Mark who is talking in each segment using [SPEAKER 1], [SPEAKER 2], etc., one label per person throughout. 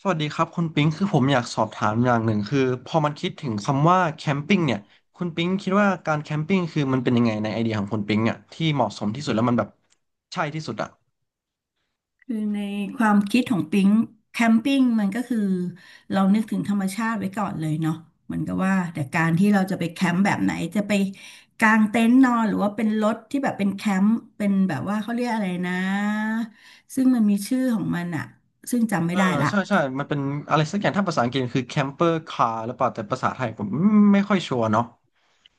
[SPEAKER 1] สวัสดีครับคุณปิ๊งคือผมอยากสอบถามอย่างหนึ่งคือพอมันคิดถึงคำว่าแคมปิ้งเนี่ยคุณปิ๊งคิดว่าการแคมปิ้งคือมันเป็นยังไงในไอเดียของคุณปิ๊งอ่ะที่เหมาะสมที่สุดแล้วมันแบบใช่ที่สุดอ่ะ
[SPEAKER 2] คือในความคิดของปิ๊งแคมปิ้งมันก็คือเรานึกถึงธรรมชาติไว้ก่อนเลยเนาะเหมือนกับว่าแต่การที่เราจะไปแคมป์แบบไหนจะไปกางเต็นท์นอนหรือว่าเป็นรถที่แบบเป็นแคมป์เป็นแบบว่าเขาเรียกอะไรนะซึ่งมันมีชื่อของมันอะซึ่งจำ
[SPEAKER 1] เอ
[SPEAKER 2] ไม่
[SPEAKER 1] อ
[SPEAKER 2] ได้ละ
[SPEAKER 1] ใช่ใช่มันเป็นอะไรสักอย่างถ้าภาษาอังกฤษคือแคมเปอร์คาร์หรือเปล่าแต่ภาษาไทยผมไม่ค่อยชัวร์เนาะ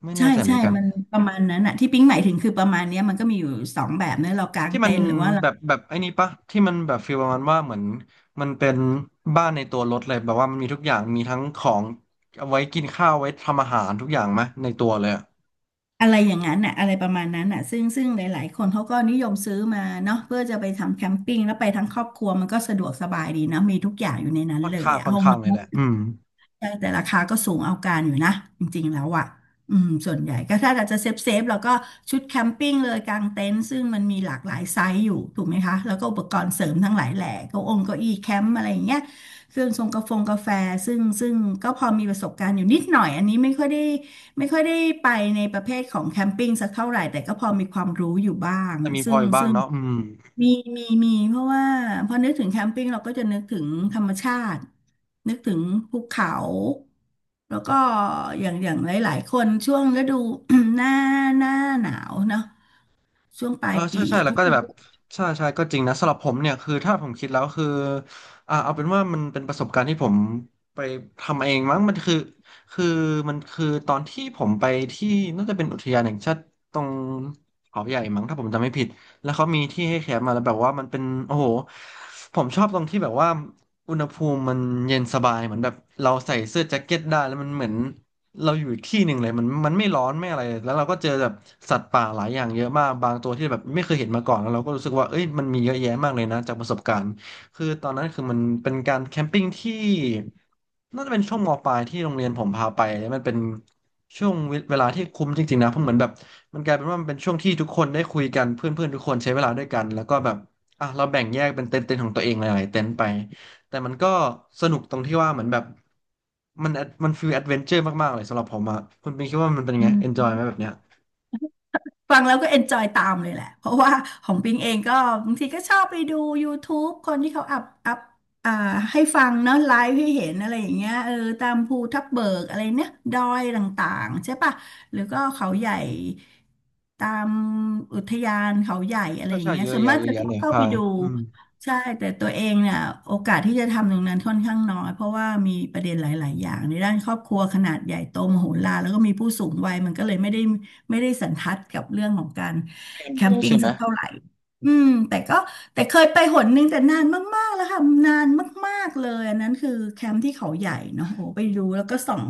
[SPEAKER 1] ไม่แน่
[SPEAKER 2] ใช่
[SPEAKER 1] ใจเหมื
[SPEAKER 2] ใช่
[SPEAKER 1] อนกัน
[SPEAKER 2] มันประมาณนั้นอะที่ปิ๊งหมายถึงคือประมาณเนี้ยมันก็มีอยู่สองแบบนะเรากาง
[SPEAKER 1] ที่มั
[SPEAKER 2] เต็
[SPEAKER 1] น
[SPEAKER 2] นท์หรือว่า
[SPEAKER 1] แบบไอ้นี่ปะที่มันแบบฟีลประมาณว่าเหมือนมันเป็นบ้านในตัวรถเลยแบบว่ามันมีทุกอย่างมีทั้งของเอาไว้กินข้าวไว้ทำอาหารทุกอย่างไหมในตัวเลยอะ
[SPEAKER 2] อะไรอย่างนั้นน่ะอะไรประมาณนั้นน่ะซึ่งหลายๆคนเขาก็นิยมซื้อมาเนาะเพื่อจะไปทำแคมปิ้งแล้วไปทั้งครอบครัวมันก็สะดวกสบายดีนะมีทุกอย่างอยู่ในนั้น
[SPEAKER 1] ค่อน
[SPEAKER 2] เลย
[SPEAKER 1] ข้าง
[SPEAKER 2] อะ
[SPEAKER 1] ค่อน
[SPEAKER 2] ห้อง
[SPEAKER 1] ข้า
[SPEAKER 2] น
[SPEAKER 1] ง
[SPEAKER 2] อ
[SPEAKER 1] เลยแหละ
[SPEAKER 2] น
[SPEAKER 1] อืม
[SPEAKER 2] ใช่แต่ราคาก็สูงเอาการอยู่นะจริงๆแล้วอ่ะอืมส่วนใหญ่ก็ถ้าเราจะเซฟเราก็ชุดแคมปิ้งเลยกางเต็นท์ซึ่งมันมีหลากหลายไซส์อยู่ถูกไหมคะแล้วก็อุปกรณ์เสริมทั้งหลายแหล่เก้าองเก้าอี้แคมป์อะไรอย่างเงี้ยเครื่องทรงกาแฟงกาแฟซึ่งก็พอมีประสบการณ์อยู่นิดหน่อยอันนี้ไม่ค่อยได้ไปในประเภทของแคมปิ้งสักเท่าไหร่แต่ก็พอมีความรู้อยู่บ้าง
[SPEAKER 1] แต่มีพ
[SPEAKER 2] ซึ่
[SPEAKER 1] อ
[SPEAKER 2] ง
[SPEAKER 1] อยู่บ้าง
[SPEAKER 2] ซึ่ง
[SPEAKER 1] เนาะอืม
[SPEAKER 2] มีมีเพราะว่าพอนึกถึงแคมปิ้งเราก็จะนึกถึงธรรมชาตินึกถึงภูเขาแล้วก็อย่างหลายๆคนช่วงฤดู หน้าหน้าหนาวเนาะช่วงปลา
[SPEAKER 1] เออ
[SPEAKER 2] ยปี
[SPEAKER 1] ใช่ใช่แล้
[SPEAKER 2] ทุ
[SPEAKER 1] ว
[SPEAKER 2] ก
[SPEAKER 1] ก็
[SPEAKER 2] ค
[SPEAKER 1] จะแบบใช่ใช่ก็จริงนะสำหรับผมเนี่ยคือถ้าผมคิดแล้วคือเอาเป็นว่ามันเป็นประสบการณ์ที่ผมไปทำเองมั้งมันคือคือมันคือตอนที่ผมไปที่น่าจะเป็นอุทยานแห่งชาติตรงเขาใหญ่มั้งถ้าผมจำไม่ผิดแล้วเขามีที่ให้แคมป์มาแล้วแบบว่ามันเป็นโอ้โหผมชอบตรงที่แบบว่าอุณหภูมิมันเย็นสบายเหมือนแบบเราใส่เสื้อแจ็คเก็ตได้แล้วมันเหมือน เราอยู่อีกที่หนึ่งเลยมันไม่ร้อนไม่อะไรแล้วเราก็เจอแบบสัตว์ป่าหลายอย่างเยอะมากบางตัวที่แบบไม่เคยเห็นมาก่อนแล้วเราก็รู้สึกว่าเอ้ยมันมีเยอะแยะมากเลยนะจากประสบการณ์คือตอนนั้นคือมันเป็นการแคมปิ้งที่น่าจะเป็นช่วงมปลายที่โรงเรียนผมพาไปแล้วมันเป็นช่วงเวลาที่คุ้มจริงๆนะเพราะเหมือนแบบมันกลายเป็นว่ามันเป็นช่วงที่ทุกคนได้คุยกันเพื่อนๆทุกคนใช้เวลาด้วยกันแล้วก็แบบอ่ะเราแบ่งแยกเป็นเต็นท์ๆของตัวเองหลายๆเต็นท์ไป แต่มันก็สนุกตรงที่ว่าเหมือนแบบมันฟีลแอดเวนเจอร์มากๆเลยสำหรับผมอะคุณปิงคิดว่ามันเป็นยังไง
[SPEAKER 2] น
[SPEAKER 1] เอนจอยไหมแบบเนี้ย
[SPEAKER 2] ฟังแล้วก็เอนจอยตามเลยแหละ เพราะว่าของปิงเองก็บางทีก็ชอบไปดู YouTube คนที่เขาอัพอ่าให้ฟังเนาะไลฟ์ให้เห็นอะไรอย่างเงี้ยเออตามภูทับเบิกอะไรเนี่ยดอยต่างๆใช่ปะหรือก็เขาใหญ่ตามอุทยานเขาใหญ่อะไร
[SPEAKER 1] ใช่
[SPEAKER 2] อย่าง
[SPEAKER 1] ใช่
[SPEAKER 2] เงี้ย
[SPEAKER 1] เยอะ
[SPEAKER 2] ส่วน
[SPEAKER 1] แยะ
[SPEAKER 2] มาก
[SPEAKER 1] เยอะ
[SPEAKER 2] จะ
[SPEAKER 1] แยะ
[SPEAKER 2] ชอ
[SPEAKER 1] เล
[SPEAKER 2] บ
[SPEAKER 1] ย
[SPEAKER 2] เข้าไป
[SPEAKER 1] ค่ะ
[SPEAKER 2] ดู
[SPEAKER 1] อืม
[SPEAKER 2] ใช่แต่ตัวเองเนี่ยโอกาสที่จะทำตรงนั้นค่อนข้างน้อยเพราะว่ามีประเด็นหลายๆอย่างในด้านครอบครัวขนาดใหญ่โตมโหฬารแล้วก็มีผู้สูงวัยมันก็เลยไม่ได้ ไม่ได้สันทัดกับเรื่องของการ
[SPEAKER 1] เอ็ม
[SPEAKER 2] แค
[SPEAKER 1] ดู
[SPEAKER 2] มปิ้ง
[SPEAKER 1] ใช่ไหม
[SPEAKER 2] สักเท่าไหร่อืมแต่ก็แต่เคยไปหนนึงแต่นานมากๆแล้วค่ะ นานมากๆเลยอันนั้นคือแคมป์ที่เขาใหญ่เนาะโอ้ไปดูแล้วก็ส่อง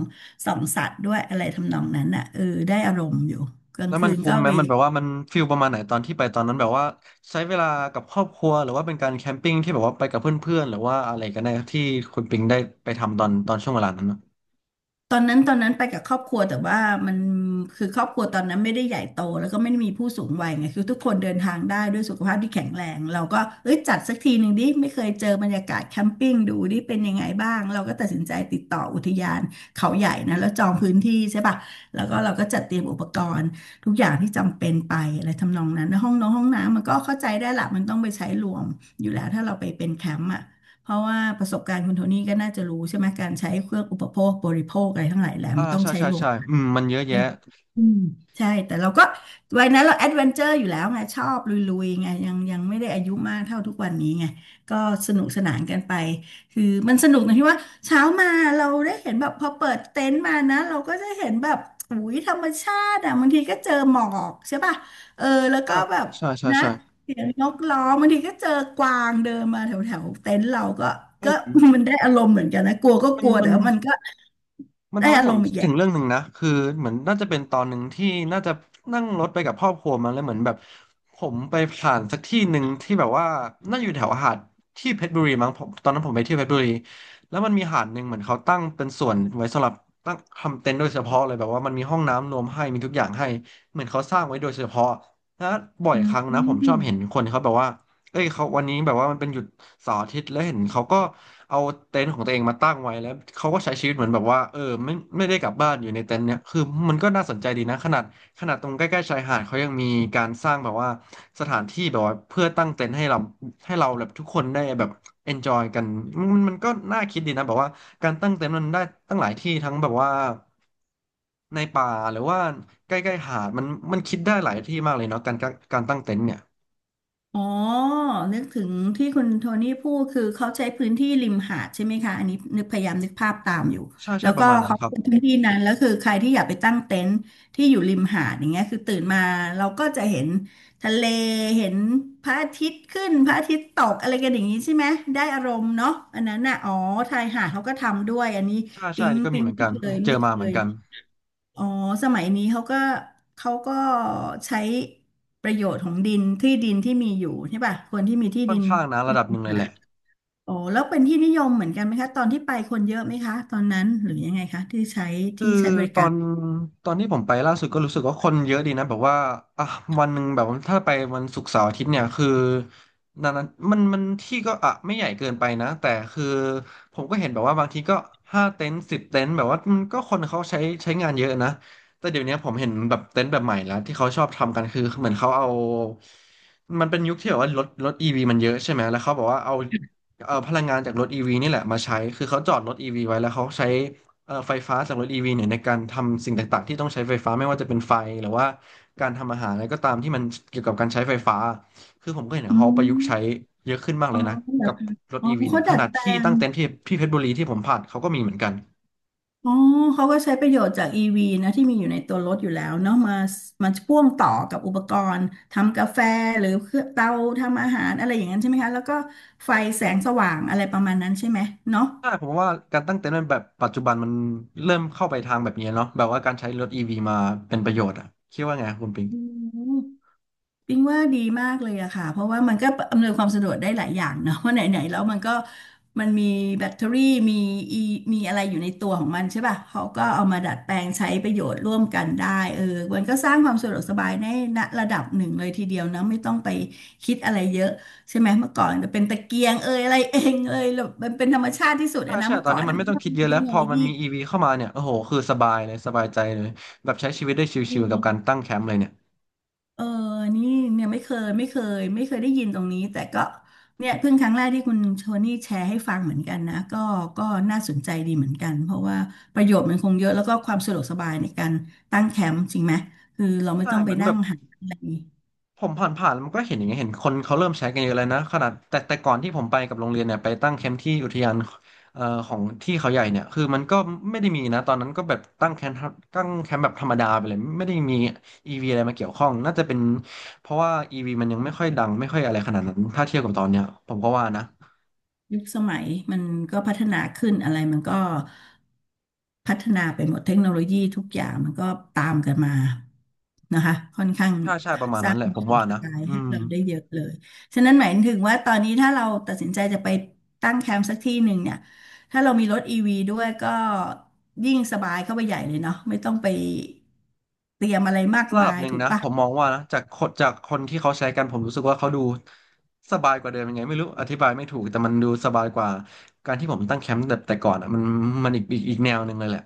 [SPEAKER 2] ส่องสัตว์ด้วยอะไรทำนองนั้นอ่ะเออได้อารมณ์อยู่กลาง
[SPEAKER 1] แล้ว
[SPEAKER 2] คื
[SPEAKER 1] มัน
[SPEAKER 2] น
[SPEAKER 1] คุ้
[SPEAKER 2] ก็
[SPEAKER 1] มไหม
[SPEAKER 2] ไป
[SPEAKER 1] มันแบบว่ามันฟิลประมาณไหนตอนที่ไปตอนนั้นแบบว่าใช้เวลากับครอบครัวหรือว่าเป็นการแคมปิ้งที่แบบว่าไปกับเพื่อนๆหรือว่าอะไรกันแน่ที่คุณปิงได้ไปทำตอนช่วงเวลานั้นนะ
[SPEAKER 2] ตอนนั้นไปกับครอบครัวแต่ว่ามันคือครอบครัวตอนนั้นไม่ได้ใหญ่โตแล้วก็ไม่ได้มีผู้สูงวัยไงคือทุกคนเดินทางได้ด้วยสุขภาพที่แข็งแรงเราก็เอ้ยจัดสักทีหนึ่งดิไม่เคยเจอบรรยากาศแคมปิ้งดูดิเป็นยังไงบ้างเราก็ตัดสินใจติดต่ออุทยานเขาใหญ่นะแล้วจองพื้นที่ใช่ป่ะแล้วก็เราก็จัดเตรียมอุปกรณ์ทุกอย่างที่จำเป็นไปอะไรทำนองนั้นนะห้องน้องห้องน้ำมันก็เข้าใจได้ละมันต้องไปใช้รวมอยู่แล้วถ้าเราไปเป็นแคมป์อ่ะ เพราะว่าประสบการณ์คุณโทนี่ก็น่าจะรู้ใช่ไหมการใช้เครื่องอุปโภคบริโภคอะไรทั้งหลายแหละ
[SPEAKER 1] อ่า
[SPEAKER 2] มันต้อง
[SPEAKER 1] ใช่
[SPEAKER 2] ใช้
[SPEAKER 1] ใช่
[SPEAKER 2] รวม
[SPEAKER 1] ใช่อื
[SPEAKER 2] ใ
[SPEAKER 1] มมันเยอะ
[SPEAKER 2] ช่
[SPEAKER 1] แยะ
[SPEAKER 2] อืมใช่แต่เราก็วัยนั้นเราแอดเวนเจอร์อยู่แล้วไงชอบลุยๆไงยังไม่ได้อายุมากเท่าทุกวันนี้ไงก็สนุกสนานกันไปคือมันสนุกตรงที่ว่าเช้ามาเราได้เห็นแบบพอเปิดเต็นท์มานะเราก็จะเห็นแบบอุ้ยธรรมชาติอ่ะบางทีก็เจอหมอกใช่ป่ะเออแล้วก็
[SPEAKER 1] อ่า
[SPEAKER 2] แบบ
[SPEAKER 1] ใช่ใช่
[SPEAKER 2] นะ
[SPEAKER 1] ใช่
[SPEAKER 2] เสียงนกร้องบางทีก็เจอกวางเดินมาแถวแถวเต็นท์เราก็
[SPEAKER 1] อ
[SPEAKER 2] ก็
[SPEAKER 1] ื
[SPEAKER 2] มั
[SPEAKER 1] ม
[SPEAKER 2] นได้อารมณ์เหมือนกันนะกลัวก็
[SPEAKER 1] มั
[SPEAKER 2] ก
[SPEAKER 1] น
[SPEAKER 2] ลัว
[SPEAKER 1] มั
[SPEAKER 2] แต่
[SPEAKER 1] น
[SPEAKER 2] ว่ามันก็
[SPEAKER 1] มัน
[SPEAKER 2] ได้
[SPEAKER 1] ทำให้
[SPEAKER 2] อา
[SPEAKER 1] ผ
[SPEAKER 2] ร
[SPEAKER 1] ม
[SPEAKER 2] มณ์อี
[SPEAKER 1] คิด
[SPEAKER 2] กอ
[SPEAKER 1] ถึ
[SPEAKER 2] ย่า
[SPEAKER 1] ง
[SPEAKER 2] ง
[SPEAKER 1] เรื่องหนึ่งนะคือเหมือนน่าจะเป็นตอนหนึ่งที่น่าจะนั่งรถไปกับครอบครัวมาแล้วเหมือนแบบผมไปผ่านสักที่หนึ่งที่แบบว่าน่าอยู่แถวหาดที่เพชรบุรีมั้งผมตอนนั้นผมไปเที่ยวเพชรบุรีแล้วมันมีหาดหนึ่งเหมือนเขาตั้งเป็นส่วนไว้สำหรับตั้งทำเต็นท์โดยเฉพาะเลยแบบว่ามันมีห้องน้ำรวมให้มีทุกอย่างให้เหมือนเขาสร้างไว้โดยเฉพาะแล้วบ่อ
[SPEAKER 2] อื
[SPEAKER 1] ยครั้งนะผมชอบเห็น
[SPEAKER 2] ม
[SPEAKER 1] คนเขาแบบว่า เอ้ยเขาวันนี้แบบว่ามันเป็นหยุดเสาร์อาทิตย์แล้วเห็นเขาก็เอาเต็นท์ของตัวเองมาตั้งไว้แล้วเขาก็ใช้ชีวิตเหมือนแบบว่าเออไม่ไม่ได้กลับบ้านอยู่ในเต็นท์เนี่ยคือมันก็น่าสนใจดีนะขนาดตรงใกล้ๆชายหาดเขายังมีการสร้างแบบว่าสถานที่แบบว่าเพื่อตั้งเต็นท์ให้เราแบบทุกคนได้แบบ enjoy กันมันก็น่าคิดดีนะแบบว่าการตั้งเต็นท์มันได้ตั้งหลายที่ทั้งแบบว่าในป่าหรือว่าใกล้ๆหาดมันคิดได้หลายที่มากเลยเนาะการการตั้งเต็นท์เนี่ย
[SPEAKER 2] อ๋อนึกถึงที่คุณโทนี่พูดคือเขาใช้พื้นที่ริมหาดใช่ไหมคะอันนี้นึกพยายามนึกภาพตามอยู่
[SPEAKER 1] ใช่ใช่
[SPEAKER 2] แล้ว
[SPEAKER 1] ป
[SPEAKER 2] ก็
[SPEAKER 1] ระมาณนั้น
[SPEAKER 2] เขา
[SPEAKER 1] ครับ
[SPEAKER 2] เป็นพื้นที่นั้นแล้วคือใครที่อยากไปตั้งเต็นท์ที่อยู่ริมหาดอย่างเงี้ยคือตื่นมาเราก็จะเห็นทะเลเห็นพระอาทิตย์ขึ้นพระอาทิตย์ตกอะไรกันอย่างนี้ใช่ไหมได้อารมณ์เนาะอันนั้นน่ะอ๋อชายหาดเขาก็ทำด้วยอันนี้
[SPEAKER 1] ใช่ใช่
[SPEAKER 2] ปิ๊
[SPEAKER 1] อั
[SPEAKER 2] ง
[SPEAKER 1] นนี่ก็มี
[SPEAKER 2] ปิ๊ง
[SPEAKER 1] เหมือน
[SPEAKER 2] ไม่
[SPEAKER 1] กัน
[SPEAKER 2] เคย
[SPEAKER 1] เจอ
[SPEAKER 2] ไม่เค
[SPEAKER 1] มาเหมือน
[SPEAKER 2] ย
[SPEAKER 1] กัน
[SPEAKER 2] อ๋อสมัยนี้เขาก็เขาก็ใช้ประโยชน์ของดินที่ดินที่มีอยู่ใช่ป่ะคนที่มีที่
[SPEAKER 1] ค่อ
[SPEAKER 2] ดิ
[SPEAKER 1] น
[SPEAKER 2] น
[SPEAKER 1] ข้างนะระ
[SPEAKER 2] ริ
[SPEAKER 1] ดับห
[SPEAKER 2] ม
[SPEAKER 1] นึ่งเลย
[SPEAKER 2] หา
[SPEAKER 1] แห
[SPEAKER 2] ด
[SPEAKER 1] ละ
[SPEAKER 2] อ๋อแล้วเป็นที่นิยมเหมือนกันไหมคะตอนที่ไปคนเยอะไหมคะตอนนั้นหรือยังไงคะที่ใช้
[SPEAKER 1] คือ
[SPEAKER 2] ที่ใช้บริ
[SPEAKER 1] ตอ
[SPEAKER 2] การ
[SPEAKER 1] นตอนที่ผมไปล่าสุดก็รู้สึกว่าคนเยอะดีนะแบบว่าอ่ะวันหนึ่งแบบว่าถ้าไปวันศุกร์เสาร์อาทิตย์เนี่ยคือนานั้นมันที่ก็ไม่ใหญ่เกินไปนะแต่คือผมก็เห็นแบบว่าบางทีก็ห้าเต็นท์สิบเต็นท์แบบว่ามันก็คนเขาใช้งานเยอะนะแต่เดี๋ยวนี้ผมเห็นแบบเต็นท์แบบใหม่แล้วที่เขาชอบทำกันคือเหมือนเขาเอามันเป็นยุคที่แบบว่ารถอีวีมันเยอะใช่ไหมแล้วเขาบอกว่าเอาพลังงานจากรถอีวีนี่แหละมาใช้คือเขาจอดรถอีวีไว้แล้วเขาใช้ ไฟฟ้าจากรถ EV เนี่ยในการทำสิ่งต่างๆที่ต้องใช้ไฟฟ้าไม่ว่าจะเป็นไฟหรือว่าการทำอาหารอะไรก็ตามที่มันเกี่ยวกับการใช้ไฟฟ้าคือผมก็เห็น
[SPEAKER 2] อื
[SPEAKER 1] เขาประยุกต์ใช้
[SPEAKER 2] ม
[SPEAKER 1] เยอะขึ้นมาก
[SPEAKER 2] อ๋
[SPEAKER 1] เล
[SPEAKER 2] อ
[SPEAKER 1] ยนะ
[SPEAKER 2] เหรอ
[SPEAKER 1] กับรถ
[SPEAKER 2] อ๋อ
[SPEAKER 1] EV เนี่
[SPEAKER 2] เขา
[SPEAKER 1] ยข
[SPEAKER 2] ดัด
[SPEAKER 1] นาด
[SPEAKER 2] แปล
[SPEAKER 1] ที่
[SPEAKER 2] ง
[SPEAKER 1] ตั้งเต็นท์ที่เพชรบุรีที่ผมผ่านเขาก็มีเหมือนกัน
[SPEAKER 2] อ๋อ เขาก็ใช้ประโยชน์จาก EV นะที่มีอยู่ในตัวรถอยู่แล้วเนาะมามาพ่วงต่อกับอุปกรณ์ทำกาแฟหรือเครื่องเตาทำอาหารอะไรอย่างนั้นใช่ไหมคะแล้วก็ไฟแสงสว่างอะไรประมาณนั้นใช่ไหมเนาะ
[SPEAKER 1] ใช่ผมว่าการตั้งเต็นท์ในแบบปัจจุบันมันเริ่มเข้าไปทางแบบนี้เนาะแบบว่าการใช้รถ EV มาเป็นประโยชน์อ่ะคิดว่าไงคุณปิง
[SPEAKER 2] อืม ปิงว่าดีมากเลยอะค่ะเพราะว่ามันก็อำนวยความสะดวกได้หลายอย่างเนาะ ว่าะไหนๆแล้วมันก็มันมีแบตเตอรี่มีอีมีอะไรอยู่ในตัวของมันใช่ป่ะเขาก็เอามาดัดแปลงใช้ประโยชน์ร่วมกันได้เออมันก็สร้างความสะดวกสบายในณระดับหนึ่งเลยทีเดียวนะไม่ต้องไปคิดอะไรเยอะใช่ไหมเมื่อก่อนจะเป็นตะเกียงเอยอะไรเองเอยแล้วมันเป็นธรรมชาติที่สุด
[SPEAKER 1] ใช่
[SPEAKER 2] อะนะ
[SPEAKER 1] ใช่
[SPEAKER 2] เมื่
[SPEAKER 1] ต
[SPEAKER 2] อ
[SPEAKER 1] อน
[SPEAKER 2] ก่อ
[SPEAKER 1] นี้
[SPEAKER 2] น
[SPEAKER 1] มั
[SPEAKER 2] อะ
[SPEAKER 1] นไม่
[SPEAKER 2] มัน
[SPEAKER 1] ต้อง
[SPEAKER 2] ไม่ต้อง
[SPEAKER 1] คิด
[SPEAKER 2] มี
[SPEAKER 1] เยอะ
[SPEAKER 2] เท
[SPEAKER 1] แล้ว
[SPEAKER 2] คโน
[SPEAKER 1] พอ
[SPEAKER 2] โล
[SPEAKER 1] มัน
[SPEAKER 2] ยี
[SPEAKER 1] มี EV เข้ามาเนี่ยโอ้โหคือสบายเลยสบายใจเลยแบบใช้ชีวิตได้ชิลๆกับการตั้งแคมป์เลยเนี่ย
[SPEAKER 2] เออนี่เนี่ยไม่เคยไม่เคยไม่เคยได้ยินตรงนี้แต่ก็เนี่ยเพิ่งครั้งแรกที่คุณโทนี่แชร์ให้ฟังเหมือนกันนะก็ก็น่าสนใจดีเหมือนกันเพราะว่าประโยชน์มันคงเยอะแล้วก็ความสะดวกสบายในการตั้งแคมป์จริงไหมคือเราไม่
[SPEAKER 1] ใช่
[SPEAKER 2] ต้อง
[SPEAKER 1] เห
[SPEAKER 2] ไป
[SPEAKER 1] มือนแบ
[SPEAKER 2] นั่ง
[SPEAKER 1] บ
[SPEAKER 2] หาอะไร
[SPEAKER 1] ผมผ่านมันก็เห็นอย่างเงี้ยเห็นคนเขาเริ่มใช้กันเยอะเลยนะขนาดแต่ก่อนที่ผมไปกับโรงเรียนเนี่ยไปตั้งแคมป์ที่อุทยานเอ่อของที่เขาใหญ่เนี่ยคือมันก็ไม่ได้มีนะตอนนั้นก็แบบตั้งแคมป์แบบธรรมดาไปเลยไม่ได้มี e ีวีอะไรมาเกี่ยวข้องน่าจะเป็นเพราะว่า e ีวีมันยังไม่ค่อยดังไม่ค่อยอะไรขนาดนั้นถ้าเทียบกับตอนเนี้ยผมก็ว่านะ
[SPEAKER 2] ยุคสมัยมันก็พัฒนาขึ้นอะไรมันก็พัฒนาไปหมดเทคโนโลยีทุกอย่างมันก็ตามกันมานะคะค่อนข้าง
[SPEAKER 1] ใช่ใช่ประมาณ
[SPEAKER 2] ส
[SPEAKER 1] นั้
[SPEAKER 2] ร้า
[SPEAKER 1] น
[SPEAKER 2] ง
[SPEAKER 1] แหละ
[SPEAKER 2] ค
[SPEAKER 1] ผ
[SPEAKER 2] วา
[SPEAKER 1] ม
[SPEAKER 2] ม
[SPEAKER 1] ว่า
[SPEAKER 2] ท้า
[SPEAKER 1] นะ
[SPEAKER 2] ทาย
[SPEAKER 1] อื
[SPEAKER 2] ให้
[SPEAKER 1] ม
[SPEAKER 2] เราได้เยอะเลยฉะนั้นหมายถึงว่าตอนนี้ถ้าเราตัดสินใจจะไปตั้งแคมป์สักที่หนึ่งเนี่ยถ้าเรามีรถอีวีด้วยก็ยิ่งสบายเข้าไปใหญ่เลยเนาะไม่ต้องไปเตรียมอะไรมาก
[SPEAKER 1] ระดั
[SPEAKER 2] มา
[SPEAKER 1] บ
[SPEAKER 2] ย
[SPEAKER 1] หนึ่ง
[SPEAKER 2] ถูก
[SPEAKER 1] นะ
[SPEAKER 2] ปะ
[SPEAKER 1] ผมมองว่านะจากคนที่เขาใช้กันผมรู้สึกว่าเขาดูสบายกว่าเดิมยังไงไม่รู้อธิบายไม่ถูกแต่มันดูสบายกว่าการที่ผมตั้งแคมป์แบบแต่ก่อนอ่ะมันมันอีกแนวหนึ่งเลยแหละ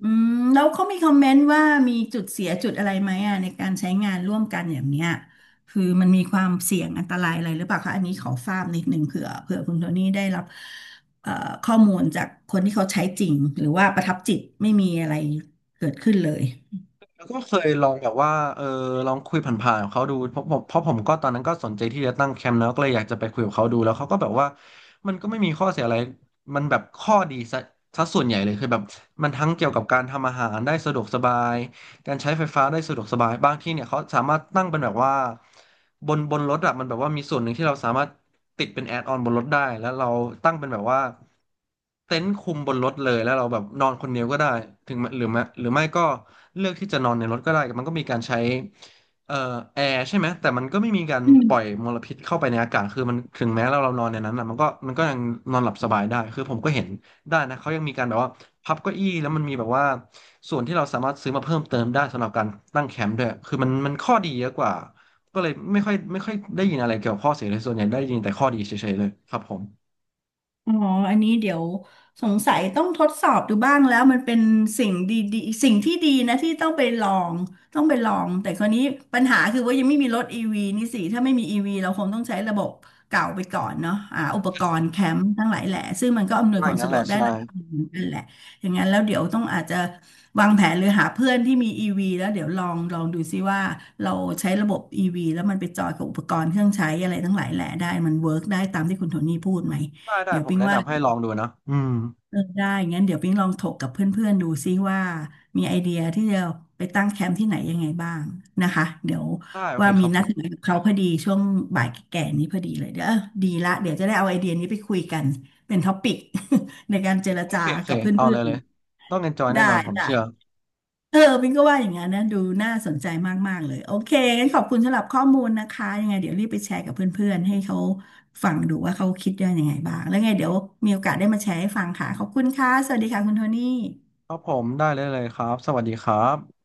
[SPEAKER 2] อืมแล้วเขามีคอมเมนต์ว่ามีจุดเสียจุดอะไรไหมอ่ะในการใช้งานร่วมกันอย่างเนี้ยคือมันมีความเสี่ยงอันตรายอะไรหรือเปล่าคะอันนี้ขอทราบนิดนึงเผื่อเผื่อคุณโทนี่ได้รับเอ่อข้อมูลจากคนที่เขาใช้จริงหรือว่าประทับจิตไม่มีอะไรเกิดขึ้นเลย
[SPEAKER 1] แล้วก็เคยลองแบบว่าเออลองคุยผ่านๆกับเขาดูเพราะผมก็ตอนนั้นก็สนใจที่จะตั้งแคมป์แล้วก็เลยอยากจะไปคุยกับเขาดูแล้วเขาก็แบบว่ามันก็ไม่มีข้อเสียอะไรมันแบบข้อดีซะส่วนใหญ่เลยคือแบบมันทั้งเกี่ยวกับการทำอาหารได้สะดวกสบาย การใช้ไฟฟ้าได้สะดวกสบายบางที่เนี่ยเขาสามารถตั้งเป็นแบบว่าบนรถอะมันแบบว่ามีส่วนหนึ่งที่เราสามารถติดเป็นแอดออนบนรถได้ แล้วเราตั้งเป็นแบบว่าเต็นท์คุมบนรถเลยแล้วเราแบบนอนคนเดียวก็ได้ถึงแม้หรือไม่ก็เลือกที่จะนอนในรถก็ได้มันก็มีการใช้เอ่อแอร์ใช่ไหม แต่มันก็ไม่มีการปล่อยมลพิษเข้าไปในอากาศคือมันถึงแม้เรานอนในนั้นอะมันก็ยังนอนหลับสบายได้คือผมก็เห็น ได้นะเขายังมีการแบบว่าพับเก้าอี้แล้วมันมีแบบว่าส่วนที่เราสามารถซื้อมาเพิ่มเติมได้สำหรับการตั้งแคมป์ด้วยคือมันมันข้อดีเยอะกว่าก็เลยไม่ค่อยได้ยินอะไรเกี่ยวกับข้อเสียเลยส่วนใหญ่ได้ยินแต่ข้อดีเฉยๆเลยครับผม
[SPEAKER 2] อ๋ออันนี้เดี๋ยวสงสัยต้องทดสอบดูบ้างแล้วมันเป็นสิ่งดีๆสิ่งที่ดีนะที่ต้องไปลองต้องไปลองแต่คราวนี้ปัญหาคือว่ายังไม่มีรถอีวีนี่สิถ้าไม่มีอีวีเราคงต้องใช้ระบบเก่าไปก่อนเนาะอ่าอุปกรณ์แคมป์ทั้งหลายแหละซึ่งมันก็อำนวย
[SPEAKER 1] ว่า
[SPEAKER 2] ค
[SPEAKER 1] อ
[SPEAKER 2] วา
[SPEAKER 1] ย่าง
[SPEAKER 2] ม
[SPEAKER 1] นั้น
[SPEAKER 2] สะด
[SPEAKER 1] แห
[SPEAKER 2] ว
[SPEAKER 1] ละ
[SPEAKER 2] กได้
[SPEAKER 1] ใช่
[SPEAKER 2] ระดับหนึ่งนั่นแหละอย่างนั้นแล้วเดี๋ยวต้องอาจจะวางแผนหรือหาเพื่อนที่มีอีวีแล้วเดี๋ยวลองลองดูซิว่าเราใช้ระบบอีวีแล้วมันไปจอยกับอุปกรณ์เครื่องใช้อะไรทั้งหลายแหละได้มันเวิร์กได้ตามที่คุณโทนี่พูดไหม
[SPEAKER 1] ได้
[SPEAKER 2] เดี๋ยว
[SPEAKER 1] ผม
[SPEAKER 2] ปิ๊ง
[SPEAKER 1] แนะ
[SPEAKER 2] ว่า
[SPEAKER 1] นำให้ลองดูนะอืม
[SPEAKER 2] เออได้งั้นเดี๋ยวปิ๊งลองถกกับเพื่อนๆดูซิว่ามีไอเดียที่จะไปตั้งแคมป์ที่ไหนยังไงบ้างนะคะเดี๋ยว
[SPEAKER 1] ได้โอเค
[SPEAKER 2] ว่า
[SPEAKER 1] ค
[SPEAKER 2] มี
[SPEAKER 1] รับผ
[SPEAKER 2] นัดห
[SPEAKER 1] ม
[SPEAKER 2] มายกับเขาพอดีช่วงบ่ายแก่ๆนี้พอดีเลยเดี๋ยวดีละเดี๋ยวจะได้เอาไอเดียนี้ไปคุยกันเป็นท็อปิก ในการเจร
[SPEAKER 1] โอ
[SPEAKER 2] จา
[SPEAKER 1] เคโอเค
[SPEAKER 2] กับเพ
[SPEAKER 1] เอา
[SPEAKER 2] ื่
[SPEAKER 1] เล
[SPEAKER 2] อ
[SPEAKER 1] ย
[SPEAKER 2] น
[SPEAKER 1] เลยต้อง enjoy
[SPEAKER 2] ๆได้
[SPEAKER 1] แน่นอนผม
[SPEAKER 2] ได้
[SPEAKER 1] เชื่อ
[SPEAKER 2] เออปิงก็ว่าอย่างนั้นนะดูน่าสนใจมากๆเลยโอเคงั้นขอบคุณสำหรับข้อมูลนะคะยังไงเดี๋ยวรีบไปแชร์กับเพื่อนๆให้เขาฟังดูว่าเขาคิดได้ยังไงบ้างแล้วไงเดี๋ยวมีโอกาสได้มาแชร์ให้ฟังค่ะขอบคุณค่ะสวัสดีค่ะคุณโทนี่
[SPEAKER 1] ครับผมได้เลยครับสวัสดีครับ